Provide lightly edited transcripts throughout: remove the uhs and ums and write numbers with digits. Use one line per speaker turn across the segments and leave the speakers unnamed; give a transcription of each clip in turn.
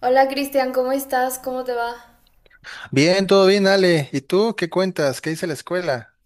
Hola Cristian, ¿cómo estás? ¿Cómo te va?
Bien, todo bien, Ale. ¿Y tú qué cuentas? ¿Qué dice la escuela?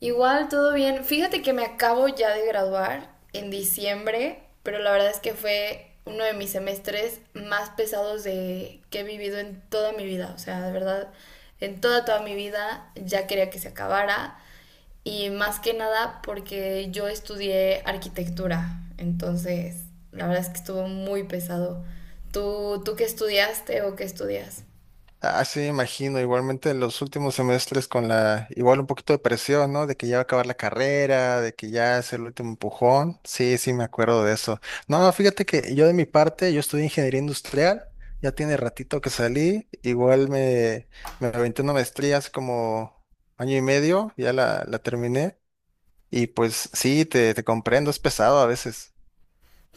Igual, todo bien. Fíjate que me acabo ya de graduar en diciembre, pero la verdad es que fue uno de mis semestres más pesados de que he vivido en toda mi vida. O sea, de verdad, en toda toda mi vida ya quería que se acabara y más que nada porque yo estudié arquitectura. Entonces, la verdad es que estuvo muy pesado. ¿Tú qué estudiaste o qué estudias?
Ah, sí, me imagino. Igualmente en los últimos semestres igual un poquito de presión, ¿no? De que ya va a acabar la carrera, de que ya es el último empujón. Sí, sí, me acuerdo de eso. No, fíjate que yo de mi parte, yo estudié ingeniería industrial. Ya tiene ratito que salí. Me aventé una maestría hace como año y medio. Ya la terminé. Y pues sí, te comprendo, es pesado a veces.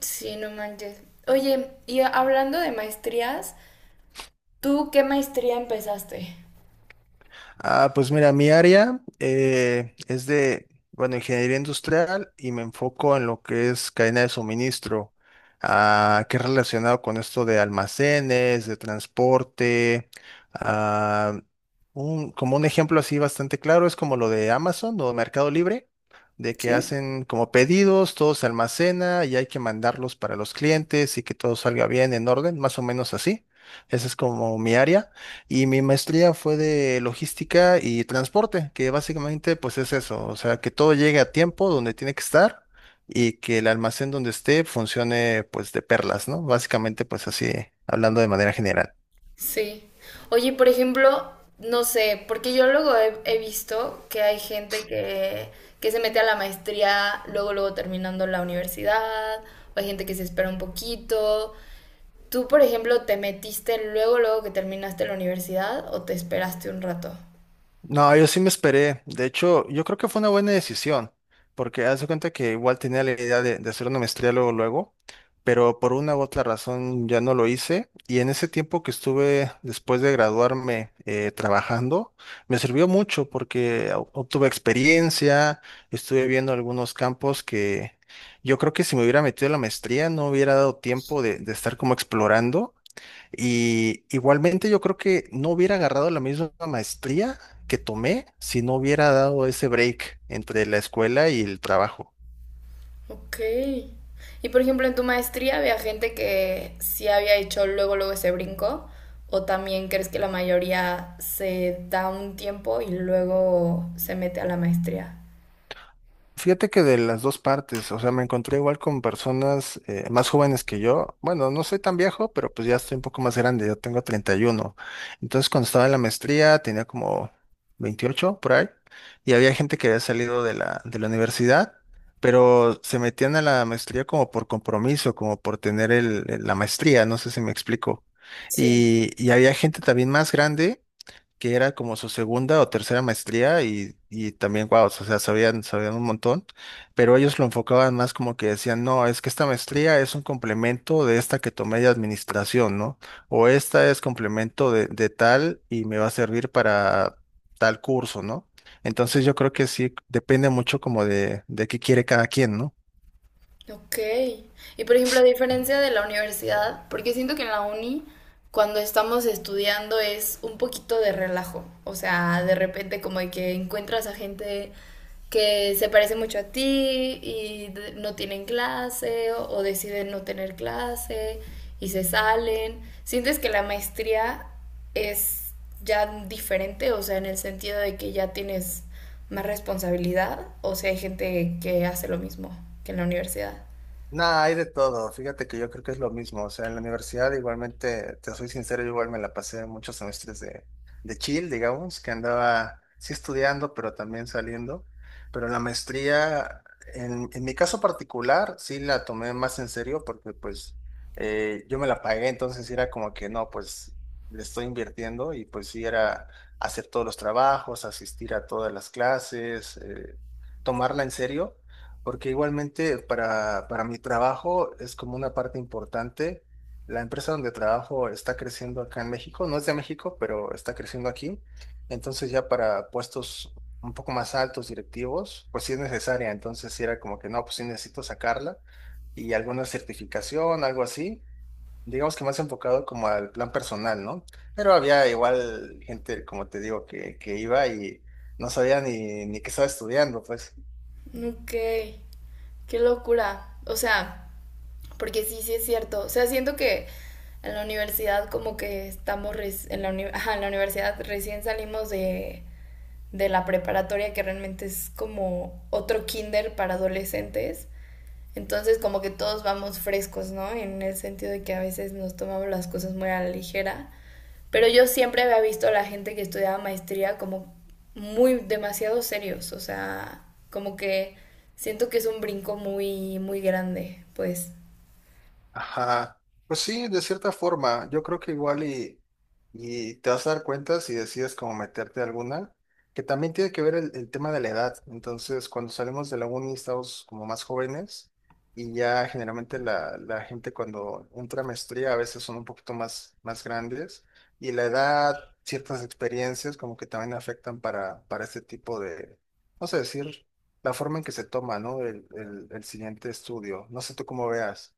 Sí, no manches. Oye, y hablando de maestrías, ¿tú qué maestría empezaste?
Ah, pues mira, mi área es de, bueno, ingeniería industrial y me enfoco en lo que es cadena de suministro, ah, que es relacionado con esto de almacenes, de transporte. ah, un- como un ejemplo así bastante claro es como lo de Amazon o Mercado Libre, de que
¿Sí?
hacen como pedidos, todo se almacena y hay que mandarlos para los clientes y que todo salga bien en orden, más o menos así. Esa es como mi área. Y mi maestría fue de logística y transporte, que básicamente pues es eso, o sea, que todo llegue a tiempo donde tiene que estar y que el almacén donde esté funcione pues de perlas, ¿no? Básicamente pues así, hablando de manera general.
Sí. Oye, por ejemplo, no sé, porque yo luego he visto que hay gente que se mete a la maestría luego, luego terminando la universidad, o hay gente que se espera un poquito. ¿Tú, por ejemplo, te metiste luego, luego que terminaste la universidad o te esperaste un rato?
No, yo sí me esperé. De hecho, yo creo que fue una buena decisión, porque haz de cuenta que igual tenía la idea de hacer una maestría luego, luego, pero por una u otra razón ya no lo hice. Y en ese tiempo que estuve después de graduarme trabajando, me sirvió mucho porque obtuve experiencia, estuve viendo algunos campos que yo creo que si me hubiera metido en la maestría no hubiera dado tiempo de estar como explorando. Y igualmente yo creo que no hubiera agarrado la misma maestría que tomé si no hubiera dado ese break entre la escuela y el trabajo.
Ok. Y por ejemplo, en tu maestría había gente que sí había hecho luego, luego ese brinco, o también crees que la mayoría se da un tiempo y luego se mete a la maestría.
Fíjate que de las dos partes, o sea, me encontré igual con personas más jóvenes que yo. Bueno, no soy tan viejo, pero pues ya estoy un poco más grande, yo tengo 31. Entonces, cuando estaba en la maestría, tenía como 28 por ahí, y había gente que había salido de la universidad, pero se metían a la maestría como por compromiso, como por tener la maestría, no sé si me explico.
Sí.
Y había gente también más grande que era como su segunda o tercera maestría y también, wow, o sea, sabían un montón, pero ellos lo enfocaban más como que decían, no, es que esta maestría es un complemento de esta que tomé de administración, ¿no? O esta es complemento de tal y me va a servir para tal curso, ¿no? Entonces yo creo que sí depende mucho como de qué quiere cada quien, ¿no?
Ok. Y por ejemplo, a diferencia de la universidad, porque siento que en la uni, cuando estamos estudiando, es un poquito de relajo. O sea, de repente como de que encuentras a gente que se parece mucho a ti y no tienen clase o deciden no tener clase y se salen. ¿Sientes que la maestría es ya diferente? O sea, en el sentido de que ya tienes más responsabilidad, o sea hay gente que hace lo mismo que en la universidad.
Nada, hay de todo. Fíjate que yo creo que es lo mismo. O sea, en la universidad igualmente, te soy sincero, yo igual me la pasé muchos semestres de chill, digamos, que andaba sí estudiando, pero también saliendo. Pero la maestría, en mi caso particular, sí la tomé más en serio porque pues yo me la pagué, entonces era como que no, pues le estoy invirtiendo y pues sí era hacer todos los trabajos, asistir a todas las clases, tomarla en serio. Porque igualmente para mi trabajo es como una parte importante. La empresa donde trabajo está creciendo acá en México, no es de México, pero está creciendo aquí. Entonces ya para puestos un poco más altos, directivos, pues sí es necesaria. Entonces sí era como que no, pues sí necesito sacarla y alguna certificación, algo así. Digamos que más enfocado como al plan personal, ¿no? Pero había igual gente, como te digo, que iba y no sabía ni qué estaba estudiando, pues.
Ok, qué locura. O sea, porque sí, sí es cierto. O sea, siento que en la universidad como que estamos res- en la, uni- ajá, en la universidad recién salimos de la preparatoria que realmente es como otro kinder para adolescentes. Entonces como que todos vamos frescos, ¿no? En el sentido de que a veces nos tomamos las cosas muy a la ligera. Pero yo siempre había visto a la gente que estudiaba maestría como muy demasiado serios, o sea, como que siento que es un brinco muy, muy grande, pues.
Ajá. Pues sí, de cierta forma, yo creo que y te vas a dar cuenta si decides como meterte a alguna, que también tiene que ver el tema de la edad. Entonces, cuando salimos de la uni estamos como más jóvenes y ya generalmente la gente cuando entra a maestría a veces son un poquito más, más grandes y la edad, ciertas experiencias como que también afectan para este tipo de, no sé decir, la forma en que se toma, ¿no? El siguiente estudio. No sé tú cómo veas.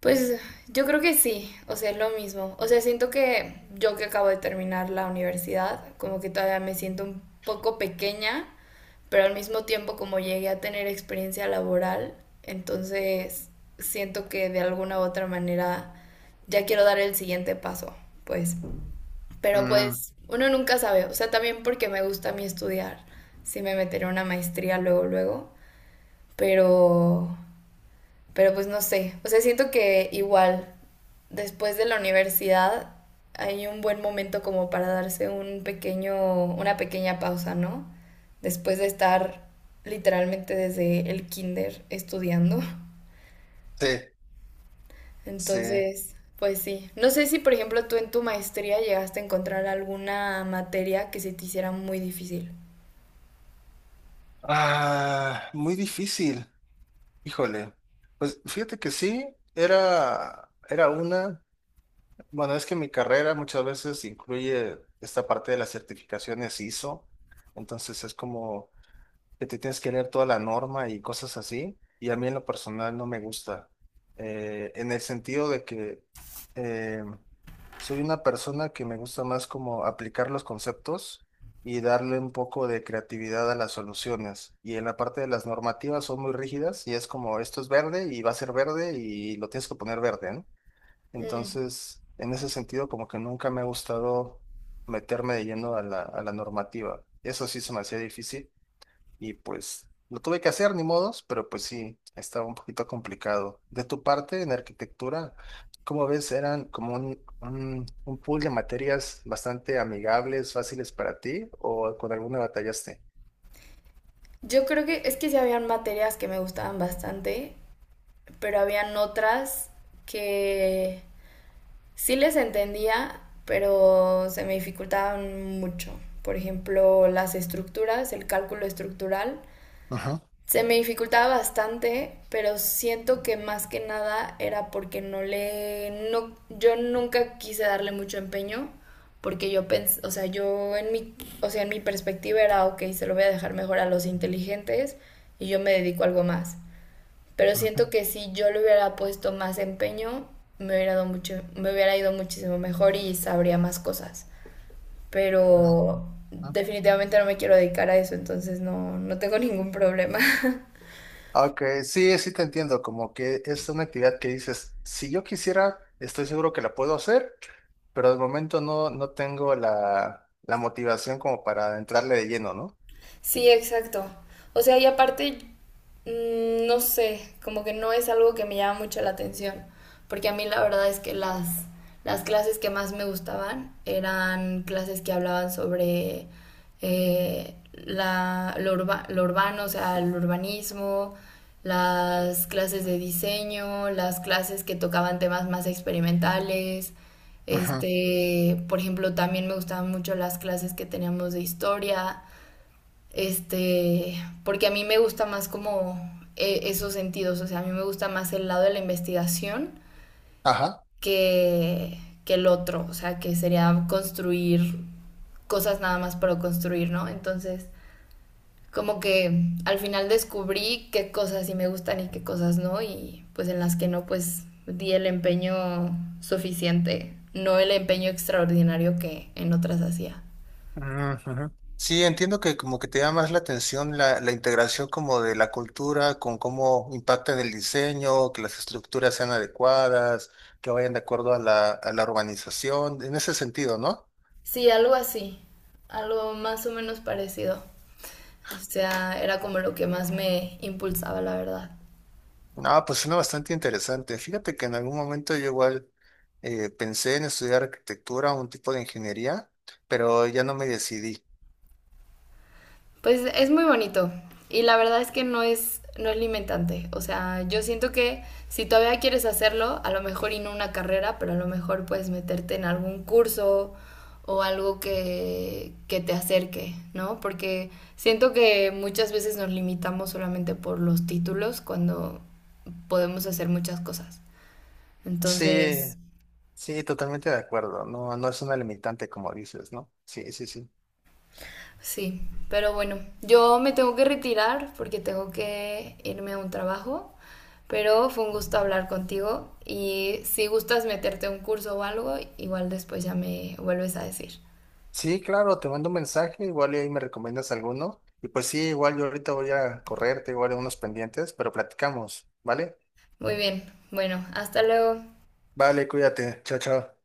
Pues yo creo que sí, o sea, es lo mismo. O sea, siento que yo que acabo de terminar la universidad, como que todavía me siento un poco pequeña, pero al mismo tiempo como llegué a tener experiencia laboral, entonces siento que de alguna u otra manera ya quiero dar el siguiente paso, pues. Pero
Mm,
pues uno nunca sabe, o sea, también porque me gusta a mí estudiar, si me meteré en una maestría luego, luego, pero... Pero pues no sé, o sea, siento que igual después de la universidad hay un buen momento como para darse una pequeña pausa, ¿no? Después de estar literalmente desde el kinder estudiando.
sí, sí.
Entonces, pues sí. No sé si, por ejemplo, tú en tu maestría llegaste a encontrar alguna materia que se te hiciera muy difícil.
Ah, muy difícil. Híjole. Pues fíjate que sí, era una. Bueno, es que mi carrera muchas veces incluye esta parte de las certificaciones ISO. Entonces es como que te tienes que leer toda la norma y cosas así, y a mí en lo personal no me gusta, en el sentido de que eh, soy una persona que me gusta más como aplicar los conceptos y darle un poco de creatividad a las soluciones. Y en la parte de las normativas son muy rígidas y es como esto es verde y va a ser verde y lo tienes que poner verde, ¿no?
Mm.
Entonces, en ese sentido, como que nunca me ha gustado meterme de lleno a la normativa. Eso sí se me hacía difícil. Y pues lo tuve que hacer, ni modos, pero pues sí, estaba un poquito complicado. De tu parte, en arquitectura, como ves, eran como un pool de materias bastante amigables, fáciles para ti, o con alguna batallaste.
Yo creo que es que sí habían materias que me gustaban bastante, pero habían otras que sí les entendía, pero se me dificultaban mucho. Por ejemplo, las estructuras, el cálculo estructural.
Ajá,
Se me dificultaba bastante, pero siento que más que nada era porque no le no yo nunca quise darle mucho empeño porque yo pensé, o sea, en mi perspectiva era, ok, se lo voy a dejar mejor a los inteligentes y yo me dedico a algo más. Pero
ajá,
siento que si yo le hubiera puesto más empeño, me hubiera ido muchísimo mejor y sabría más cosas.
no,
Pero
ajá.
definitivamente no me quiero dedicar a eso, entonces no, no tengo ningún problema.
Ok, sí, sí te entiendo, como que es una actividad que dices, si yo quisiera, estoy seguro que la puedo hacer, pero de momento no, no tengo la motivación como para entrarle de lleno, ¿no?
Sí, exacto. O sea, y aparte, mm, no sé, como que no es algo que me llama mucho la atención, porque a mí la verdad es que las clases que más me gustaban eran clases que hablaban sobre lo urbano, o sea, el urbanismo, las clases de diseño, las clases que tocaban temas más experimentales.
Ajá.
Este, por ejemplo, también me gustaban mucho las clases que teníamos de historia. Este, porque a mí me gusta más como esos sentidos, o sea, a mí me gusta más el lado de la investigación
Ajá.
que, que el otro, o sea, que sería construir cosas nada más para construir, ¿no? Entonces, como que al final descubrí qué cosas sí me gustan y qué cosas no, y pues en las que no, pues di el empeño suficiente, no el empeño extraordinario que en otras hacía.
Ujú, ujú. Sí, entiendo que como que te llama más la atención la integración como de la cultura con cómo impacta en el diseño, que las estructuras sean adecuadas, que vayan de acuerdo a la urbanización, en ese sentido, ¿no?
Sí, algo así, algo más o menos parecido. O sea, era como lo que más me impulsaba, la verdad.
No, pues suena bastante interesante. Fíjate que en algún momento yo igual pensé en estudiar arquitectura o un tipo de ingeniería, pero ya no me decidí.
Pues es muy bonito y la verdad es que no es limitante. O sea, yo siento que si todavía quieres hacerlo, a lo mejor y no una carrera, pero a lo mejor puedes meterte en algún curso o algo que te acerque, ¿no? Porque siento que muchas veces nos limitamos solamente por los títulos cuando podemos hacer muchas cosas.
Sí,
Entonces,
sí, totalmente de acuerdo. No, no es una limitante como dices, ¿no? Sí, sí, sí.
sí, pero bueno, yo me tengo que retirar porque tengo que irme a un trabajo, pero fue un gusto hablar contigo y si gustas meterte a un curso o algo, igual después ya me vuelves a decir.
Sí, claro, te mando un mensaje, igual y ahí me recomiendas alguno. Y pues sí, igual yo ahorita voy a correr. Tengo igual unos pendientes, pero platicamos, ¿vale?
Muy bien, bueno, hasta luego.
Vale, cuídate, chao, chao.